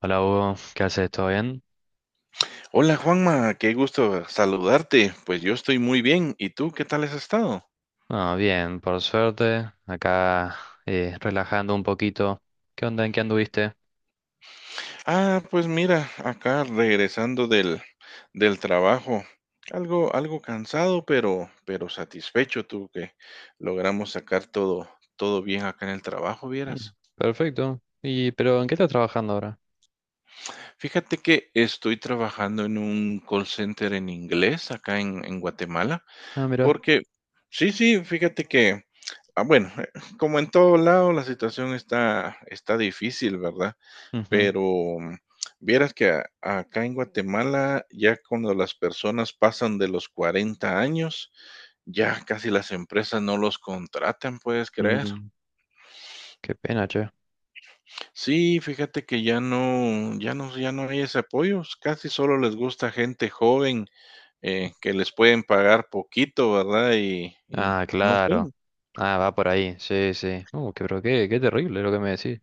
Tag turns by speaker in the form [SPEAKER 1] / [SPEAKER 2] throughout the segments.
[SPEAKER 1] Hola Hugo, ¿qué haces? ¿Todo bien?
[SPEAKER 2] Hola Juanma, qué gusto saludarte. Pues yo estoy muy bien. ¿Y tú qué tal has estado?
[SPEAKER 1] Ah, bien, por suerte. Acá relajando un poquito. ¿Qué onda? ¿En qué anduviste?
[SPEAKER 2] Ah, pues mira, acá regresando del trabajo. Algo cansado, pero satisfecho tú que logramos sacar todo bien acá en el trabajo,
[SPEAKER 1] Mm,
[SPEAKER 2] vieras.
[SPEAKER 1] perfecto. ¿Y pero en qué estás trabajando ahora?
[SPEAKER 2] Fíjate que estoy trabajando en un call center en inglés acá en Guatemala.
[SPEAKER 1] Ah, mira.
[SPEAKER 2] Porque sí, sí, fíjate que, ah, bueno, como en todo lado, la situación está difícil, ¿verdad?
[SPEAKER 1] Ujú.
[SPEAKER 2] Pero, mm, vieras que a acá en Guatemala, ya cuando las personas pasan de los 40 años, ya casi las empresas no los contratan, ¿puedes creer?
[SPEAKER 1] Mm, qué pena, che.
[SPEAKER 2] Sí, fíjate que ya no hay ese apoyo, casi solo les gusta gente joven, que les pueden pagar poquito, ¿verdad? Y
[SPEAKER 1] Ah,
[SPEAKER 2] no sé.
[SPEAKER 1] claro. Ah, va por ahí. Sí, sí. Pero qué, qué terrible lo que me decís.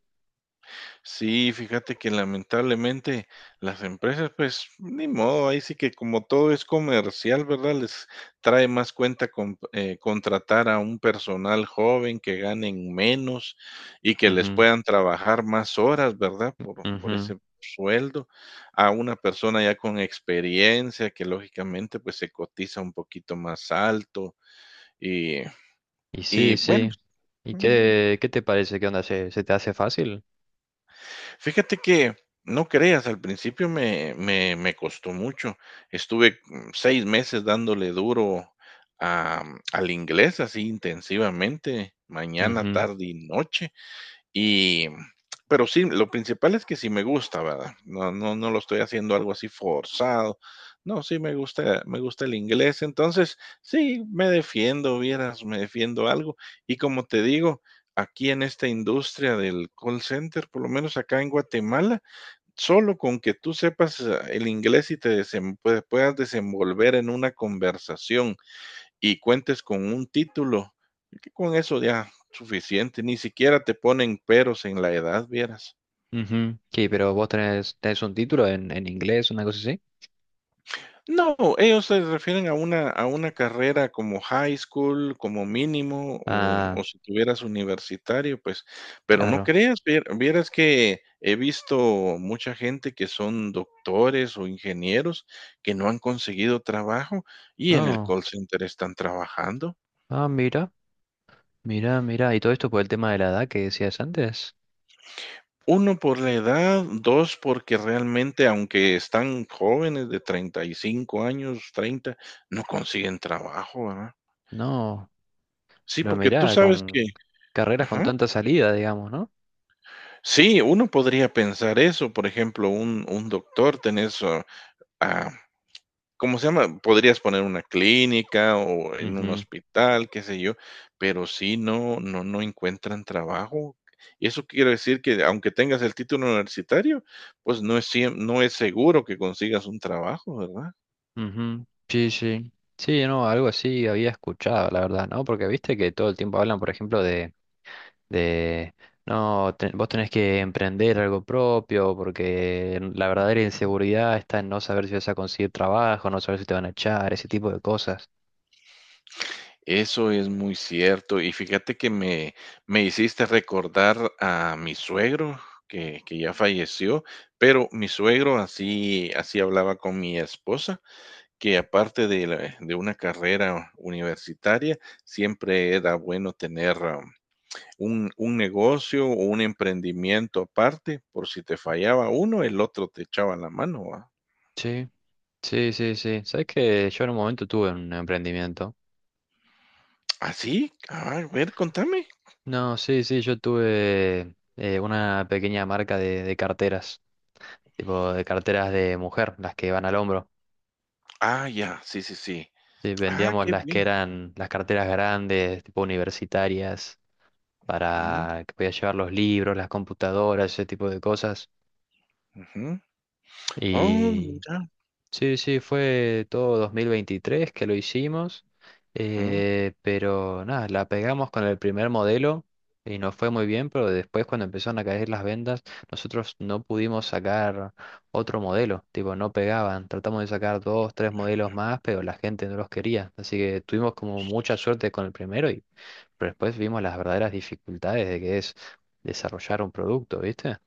[SPEAKER 2] Sí, fíjate que lamentablemente las empresas, pues, ni modo, ahí sí que como todo es comercial, ¿verdad? Les trae más cuenta con contratar a un personal joven que ganen menos y que les
[SPEAKER 1] Ujú,
[SPEAKER 2] puedan trabajar más horas, ¿verdad? Por
[SPEAKER 1] ujú.
[SPEAKER 2] ese sueldo, a una persona ya con experiencia que lógicamente pues se cotiza un poquito más alto y,
[SPEAKER 1] Y
[SPEAKER 2] y
[SPEAKER 1] sí,
[SPEAKER 2] bueno,
[SPEAKER 1] sí. ¿Y
[SPEAKER 2] mm,
[SPEAKER 1] qué, qué te parece? ¿Qué onda? ¿Se, se te hace fácil?
[SPEAKER 2] fíjate que, no creas, al principio me costó mucho. Estuve 6 meses dándole duro a al inglés, así intensivamente, mañana,
[SPEAKER 1] Ujú,
[SPEAKER 2] tarde y noche, y, pero sí, lo principal es que sí me gusta, ¿verdad? No, no, no lo estoy haciendo algo así forzado. No, sí me gusta el inglés, entonces sí, me defiendo, vieras, me defiendo algo. Y como te digo, aquí en esta industria del call center, por lo menos acá en Guatemala, solo con que tú sepas el inglés y te puedas desenvolver en una conversación y cuentes con un título, que con eso ya suficiente, ni siquiera te ponen peros en la edad, vieras.
[SPEAKER 1] ujú. Sí, pero tenés un título en inglés, una cosa así.
[SPEAKER 2] No, ellos se refieren a una carrera como high school, como mínimo,
[SPEAKER 1] Ah,
[SPEAKER 2] o si tuvieras universitario, pues, pero no
[SPEAKER 1] claro.
[SPEAKER 2] creas, vieras que he visto mucha gente que son doctores o ingenieros que no han conseguido trabajo y en el
[SPEAKER 1] No.
[SPEAKER 2] call center están trabajando.
[SPEAKER 1] Ah, mira, mira, mira. Y todo esto por el tema de la edad que decías antes.
[SPEAKER 2] Uno por la edad, 2 porque realmente, aunque están jóvenes de 35 años, 30, no consiguen trabajo, ¿verdad?
[SPEAKER 1] No,
[SPEAKER 2] Sí,
[SPEAKER 1] pero
[SPEAKER 2] porque tú
[SPEAKER 1] mira,
[SPEAKER 2] sabes que
[SPEAKER 1] con carreras con
[SPEAKER 2] ajá.
[SPEAKER 1] tanta salida, digamos, ¿no?
[SPEAKER 2] Sí, uno podría pensar eso, por ejemplo, un doctor, tenés, ah, ¿cómo se llama? Podrías poner una clínica o en un
[SPEAKER 1] Ujú,
[SPEAKER 2] hospital, qué sé yo, pero sí no encuentran trabajo. Y eso quiere decir que, aunque tengas el título universitario, pues no es seguro que consigas un trabajo, ¿verdad?
[SPEAKER 1] ujú. Sí, sí. Sí, no, algo así había escuchado, la verdad, ¿no? Porque viste que todo el tiempo hablan, por ejemplo, de, no, vos tenés que emprender algo propio, porque la verdadera inseguridad está en no saber si vas a conseguir trabajo, no saber si te van a echar, ese tipo de cosas.
[SPEAKER 2] Eso es muy cierto. Y fíjate que me hiciste recordar a mi suegro, que ya falleció, pero mi suegro así hablaba con mi esposa, que aparte de la de una carrera universitaria, siempre era bueno tener, ah, un negocio o un emprendimiento aparte, por si te fallaba uno, el otro te echaba la mano, ¿va?
[SPEAKER 1] Sí, sí, sí, sí. Sabes que yo en un momento tuve un emprendimiento.
[SPEAKER 2] ¿Ah, sí? Ah, a ver, contame.
[SPEAKER 1] No, sí, sí, yo tuve una pequeña marca de carteras, tipo de carteras de mujer, las que van al hombro.
[SPEAKER 2] Ah, ya, sí, sí, sí.
[SPEAKER 1] Sí,
[SPEAKER 2] Ah,
[SPEAKER 1] vendíamos
[SPEAKER 2] qué
[SPEAKER 1] las que
[SPEAKER 2] bien.
[SPEAKER 1] eran las carteras grandes, tipo universitarias,
[SPEAKER 2] Ujú,
[SPEAKER 1] para que podías llevar los libros, las computadoras, ese tipo de cosas.
[SPEAKER 2] ujú. Oh, mira.
[SPEAKER 1] Sí, sí, fue todo 2023 que lo hicimos, pero nada, la pegamos con el primer modelo y nos fue muy bien, pero después cuando empezaron a caer las ventas, nosotros no pudimos sacar otro modelo, tipo, no pegaban, tratamos de sacar dos, tres modelos más, pero la gente no los quería, así que tuvimos como mucha suerte con el primero y pero después vimos las verdaderas dificultades de que es desarrollar un producto, ¿viste?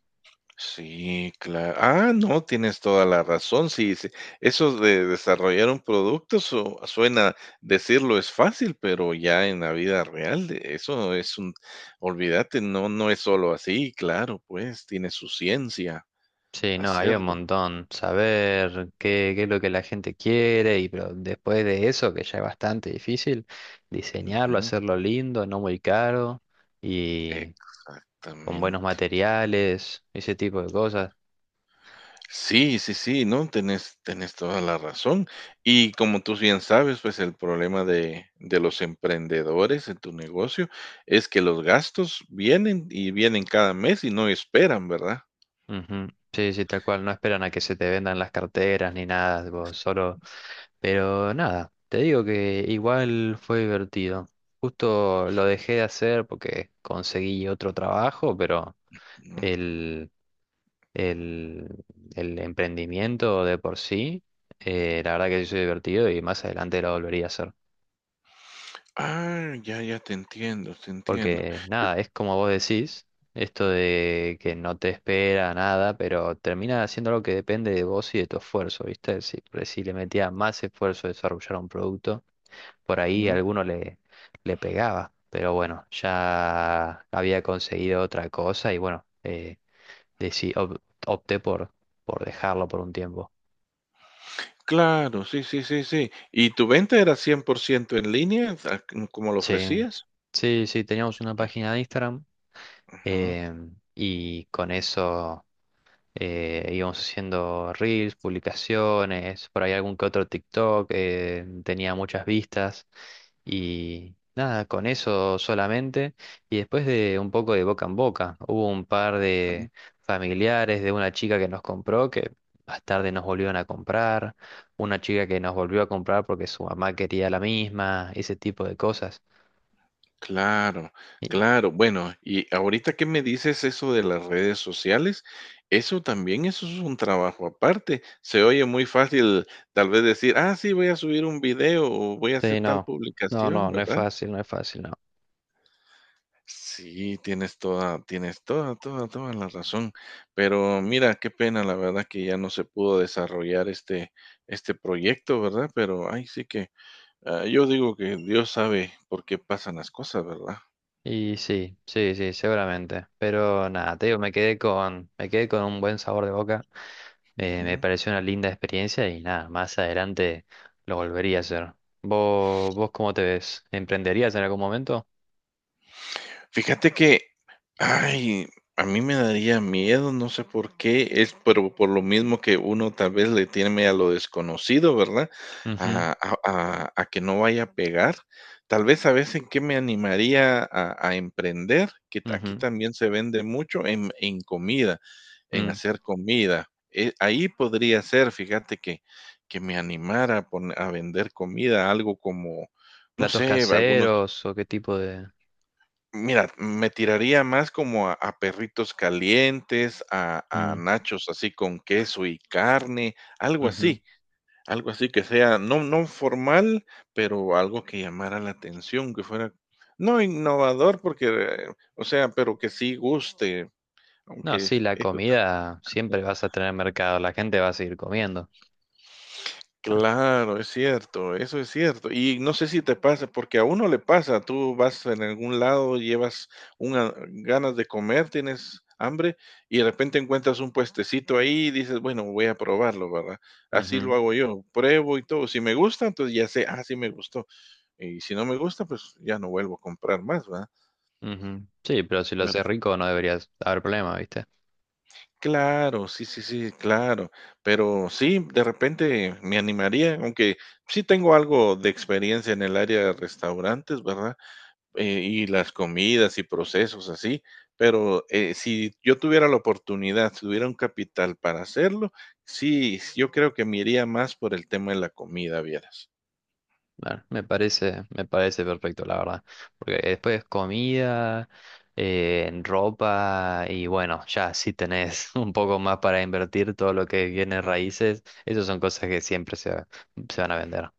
[SPEAKER 2] Sí, claro. Ah, no, tienes toda la razón. Sí, sí. Eso de desarrollar un producto suena, decirlo es fácil, pero ya en la vida real, eso es olvídate, no, no es solo así, claro, pues tiene su ciencia
[SPEAKER 1] Sí, no, hay un
[SPEAKER 2] hacerlo.
[SPEAKER 1] montón. Saber qué, qué es lo que la gente quiere y pero después de eso, que ya es bastante difícil, diseñarlo,
[SPEAKER 2] Ujú.
[SPEAKER 1] hacerlo lindo, no muy caro y con buenos
[SPEAKER 2] Exactamente.
[SPEAKER 1] materiales, ese tipo de cosas.
[SPEAKER 2] Sí, sí, sí, no, tenés, tenés toda la razón. Y como tú bien sabes, pues el problema de los emprendedores en tu negocio es que los gastos vienen y vienen cada mes y no esperan, ¿verdad?
[SPEAKER 1] Ujú. Sí, sí, tal cual. No esperan a que se te vendan las carteras ni nada, tipo, solo... Pero nada, te digo que igual fue divertido. Justo lo dejé de hacer porque conseguí otro trabajo, pero...
[SPEAKER 2] Ujú.
[SPEAKER 1] El, el, el emprendimiento de por sí, la verdad que sí es divertido y más adelante lo volvería a hacer.
[SPEAKER 2] Ah, ya, ya te entiendo, te entiendo.
[SPEAKER 1] Porque nada, es como vos decís, esto de que no te espera nada, pero termina haciendo algo que depende de vos y de tu esfuerzo, ¿viste? Si, por ahí si le metías más esfuerzo a desarrollar un producto, por ahí
[SPEAKER 2] Ujú.
[SPEAKER 1] le pegaba. Pero bueno, ya había conseguido otra cosa y bueno, deci- op- opté por dejarlo por un tiempo.
[SPEAKER 2] Claro, sí, sí, sí, sí. ¿Y tu venta era 100% en línea, como lo
[SPEAKER 1] Sí,
[SPEAKER 2] ofrecías?
[SPEAKER 1] sí, sí, teníamos una página de Instagram
[SPEAKER 2] Ujú.
[SPEAKER 1] y con eso íbamos haciendo reels, publicaciones, por ahí algún que otro TikTok, tenía muchas vistas y nada, con eso solamente. Y después de un poco de boca en boca, hubo un par de familiares de una chica que nos compró que más tarde nos volvieron a comprar, una chica que nos volvió a comprar porque su mamá quería la misma, ese tipo de cosas.
[SPEAKER 2] Claro, claro. Bueno, y ahorita que me dices eso de las redes sociales, eso también, eso es un trabajo aparte. Se oye muy fácil tal vez decir, ah, sí, voy a subir un video o voy a hacer
[SPEAKER 1] Sí,
[SPEAKER 2] tal publicación,
[SPEAKER 1] no es
[SPEAKER 2] ¿verdad?
[SPEAKER 1] fácil, no es fácil, no.
[SPEAKER 2] Sí, tienes toda, toda, toda la razón. Pero mira, qué pena, la verdad que ya no se pudo desarrollar este proyecto, ¿verdad? Pero ay, sí que, ah, yo digo que Dios sabe por qué pasan las cosas, ¿verdad?
[SPEAKER 1] Y sí, sí, sí, seguramente. Pero nada, te digo, me quedé con un buen sabor de boca. Me
[SPEAKER 2] Ujú.
[SPEAKER 1] pareció una linda experiencia y nada, más adelante lo volvería a hacer. Vos cómo te ves? ¿Emprenderías en algún momento?
[SPEAKER 2] Fíjate que, ay, a mí me daría miedo, no sé por qué, es pero por lo mismo que uno tal vez le tiene a lo desconocido, ¿verdad?
[SPEAKER 1] Ujú,
[SPEAKER 2] A que no vaya a pegar. Tal vez a veces que me animaría a emprender, que aquí
[SPEAKER 1] ujú,
[SPEAKER 2] también se vende mucho en comida, en
[SPEAKER 1] mm.
[SPEAKER 2] hacer comida. Ahí podría ser, fíjate que me animara a, a vender comida, algo como, no
[SPEAKER 1] ¿Platos
[SPEAKER 2] sé, algunos.
[SPEAKER 1] caseros o qué tipo de...?
[SPEAKER 2] Mira, me tiraría más como a perritos calientes, a
[SPEAKER 1] Mm,
[SPEAKER 2] nachos así con queso y carne,
[SPEAKER 1] ujú.
[SPEAKER 2] algo así que sea no formal, pero algo que llamara la atención, que fuera no innovador porque, o sea, pero que sí guste,
[SPEAKER 1] No,
[SPEAKER 2] aunque
[SPEAKER 1] sí, la
[SPEAKER 2] es.
[SPEAKER 1] comida siempre vas a tener mercado, la gente va a seguir comiendo. Ah,
[SPEAKER 2] Claro, es cierto, eso es cierto. Y no sé si te pasa, porque a uno le pasa, tú vas en algún lado, llevas ganas de comer, tienes hambre y de repente encuentras un puestecito ahí y dices, bueno, voy a probarlo, ¿verdad? Así lo
[SPEAKER 1] ujú.
[SPEAKER 2] hago yo, pruebo y todo. Si me gusta, entonces ya sé, ah, sí me gustó. Y si no me gusta, pues ya no vuelvo a comprar más, ¿verdad?
[SPEAKER 1] Ujú. Sí, pero si lo haces rico no deberías haber problema, ¿viste?
[SPEAKER 2] Claro, sí, sí, sí, claro. Pero sí, de repente me animaría, aunque sí tengo algo de experiencia en el área de restaurantes, ¿verdad? Y las comidas y procesos así. Pero si yo tuviera la oportunidad, si tuviera un capital para hacerlo, sí, yo creo que me iría más por el tema de la comida, vieras.
[SPEAKER 1] Bueno, me parece perfecto, la verdad. Porque después comida, ropa y bueno, ya si tenés un poco más para invertir todo lo que viene
[SPEAKER 2] Ujú.
[SPEAKER 1] raíces, esas son cosas que siempre se van a vender.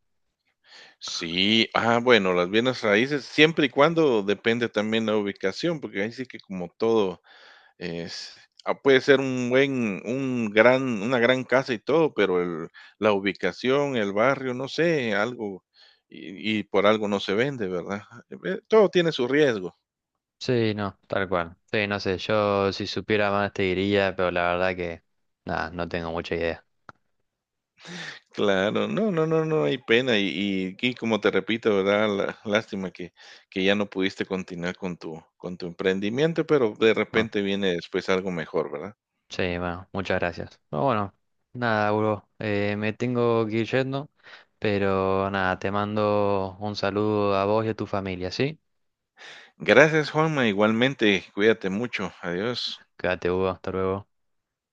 [SPEAKER 2] Sí, ah, bueno, las bienes raíces, siempre y cuando depende también la ubicación, porque ahí sí que como todo es. Ah, puede ser un buen un gran una gran casa y todo, pero el la ubicación, el barrio, no sé, algo, y por algo no se vende, ¿verdad? Todo tiene su riesgo.
[SPEAKER 1] Sí, no, tal cual. Sí, no sé, yo si supiera más te diría, pero la verdad que nada, no tengo mucha idea.
[SPEAKER 2] Claro, no, no, no, no hay pena, y como te repito, ¿verdad? La lástima que ya no pudiste continuar con tu emprendimiento, pero de
[SPEAKER 1] ¿No?
[SPEAKER 2] repente viene después algo mejor, ¿verdad?
[SPEAKER 1] Sí, bueno, muchas gracias. Pero bueno, nada, bro, me tengo que ir yendo, pero nada, te mando un saludo a vos y a tu familia, ¿sí?
[SPEAKER 2] Gracias, Juanma, igualmente, cuídate mucho, adiós.
[SPEAKER 1] Quédate, Hugo, hasta luego.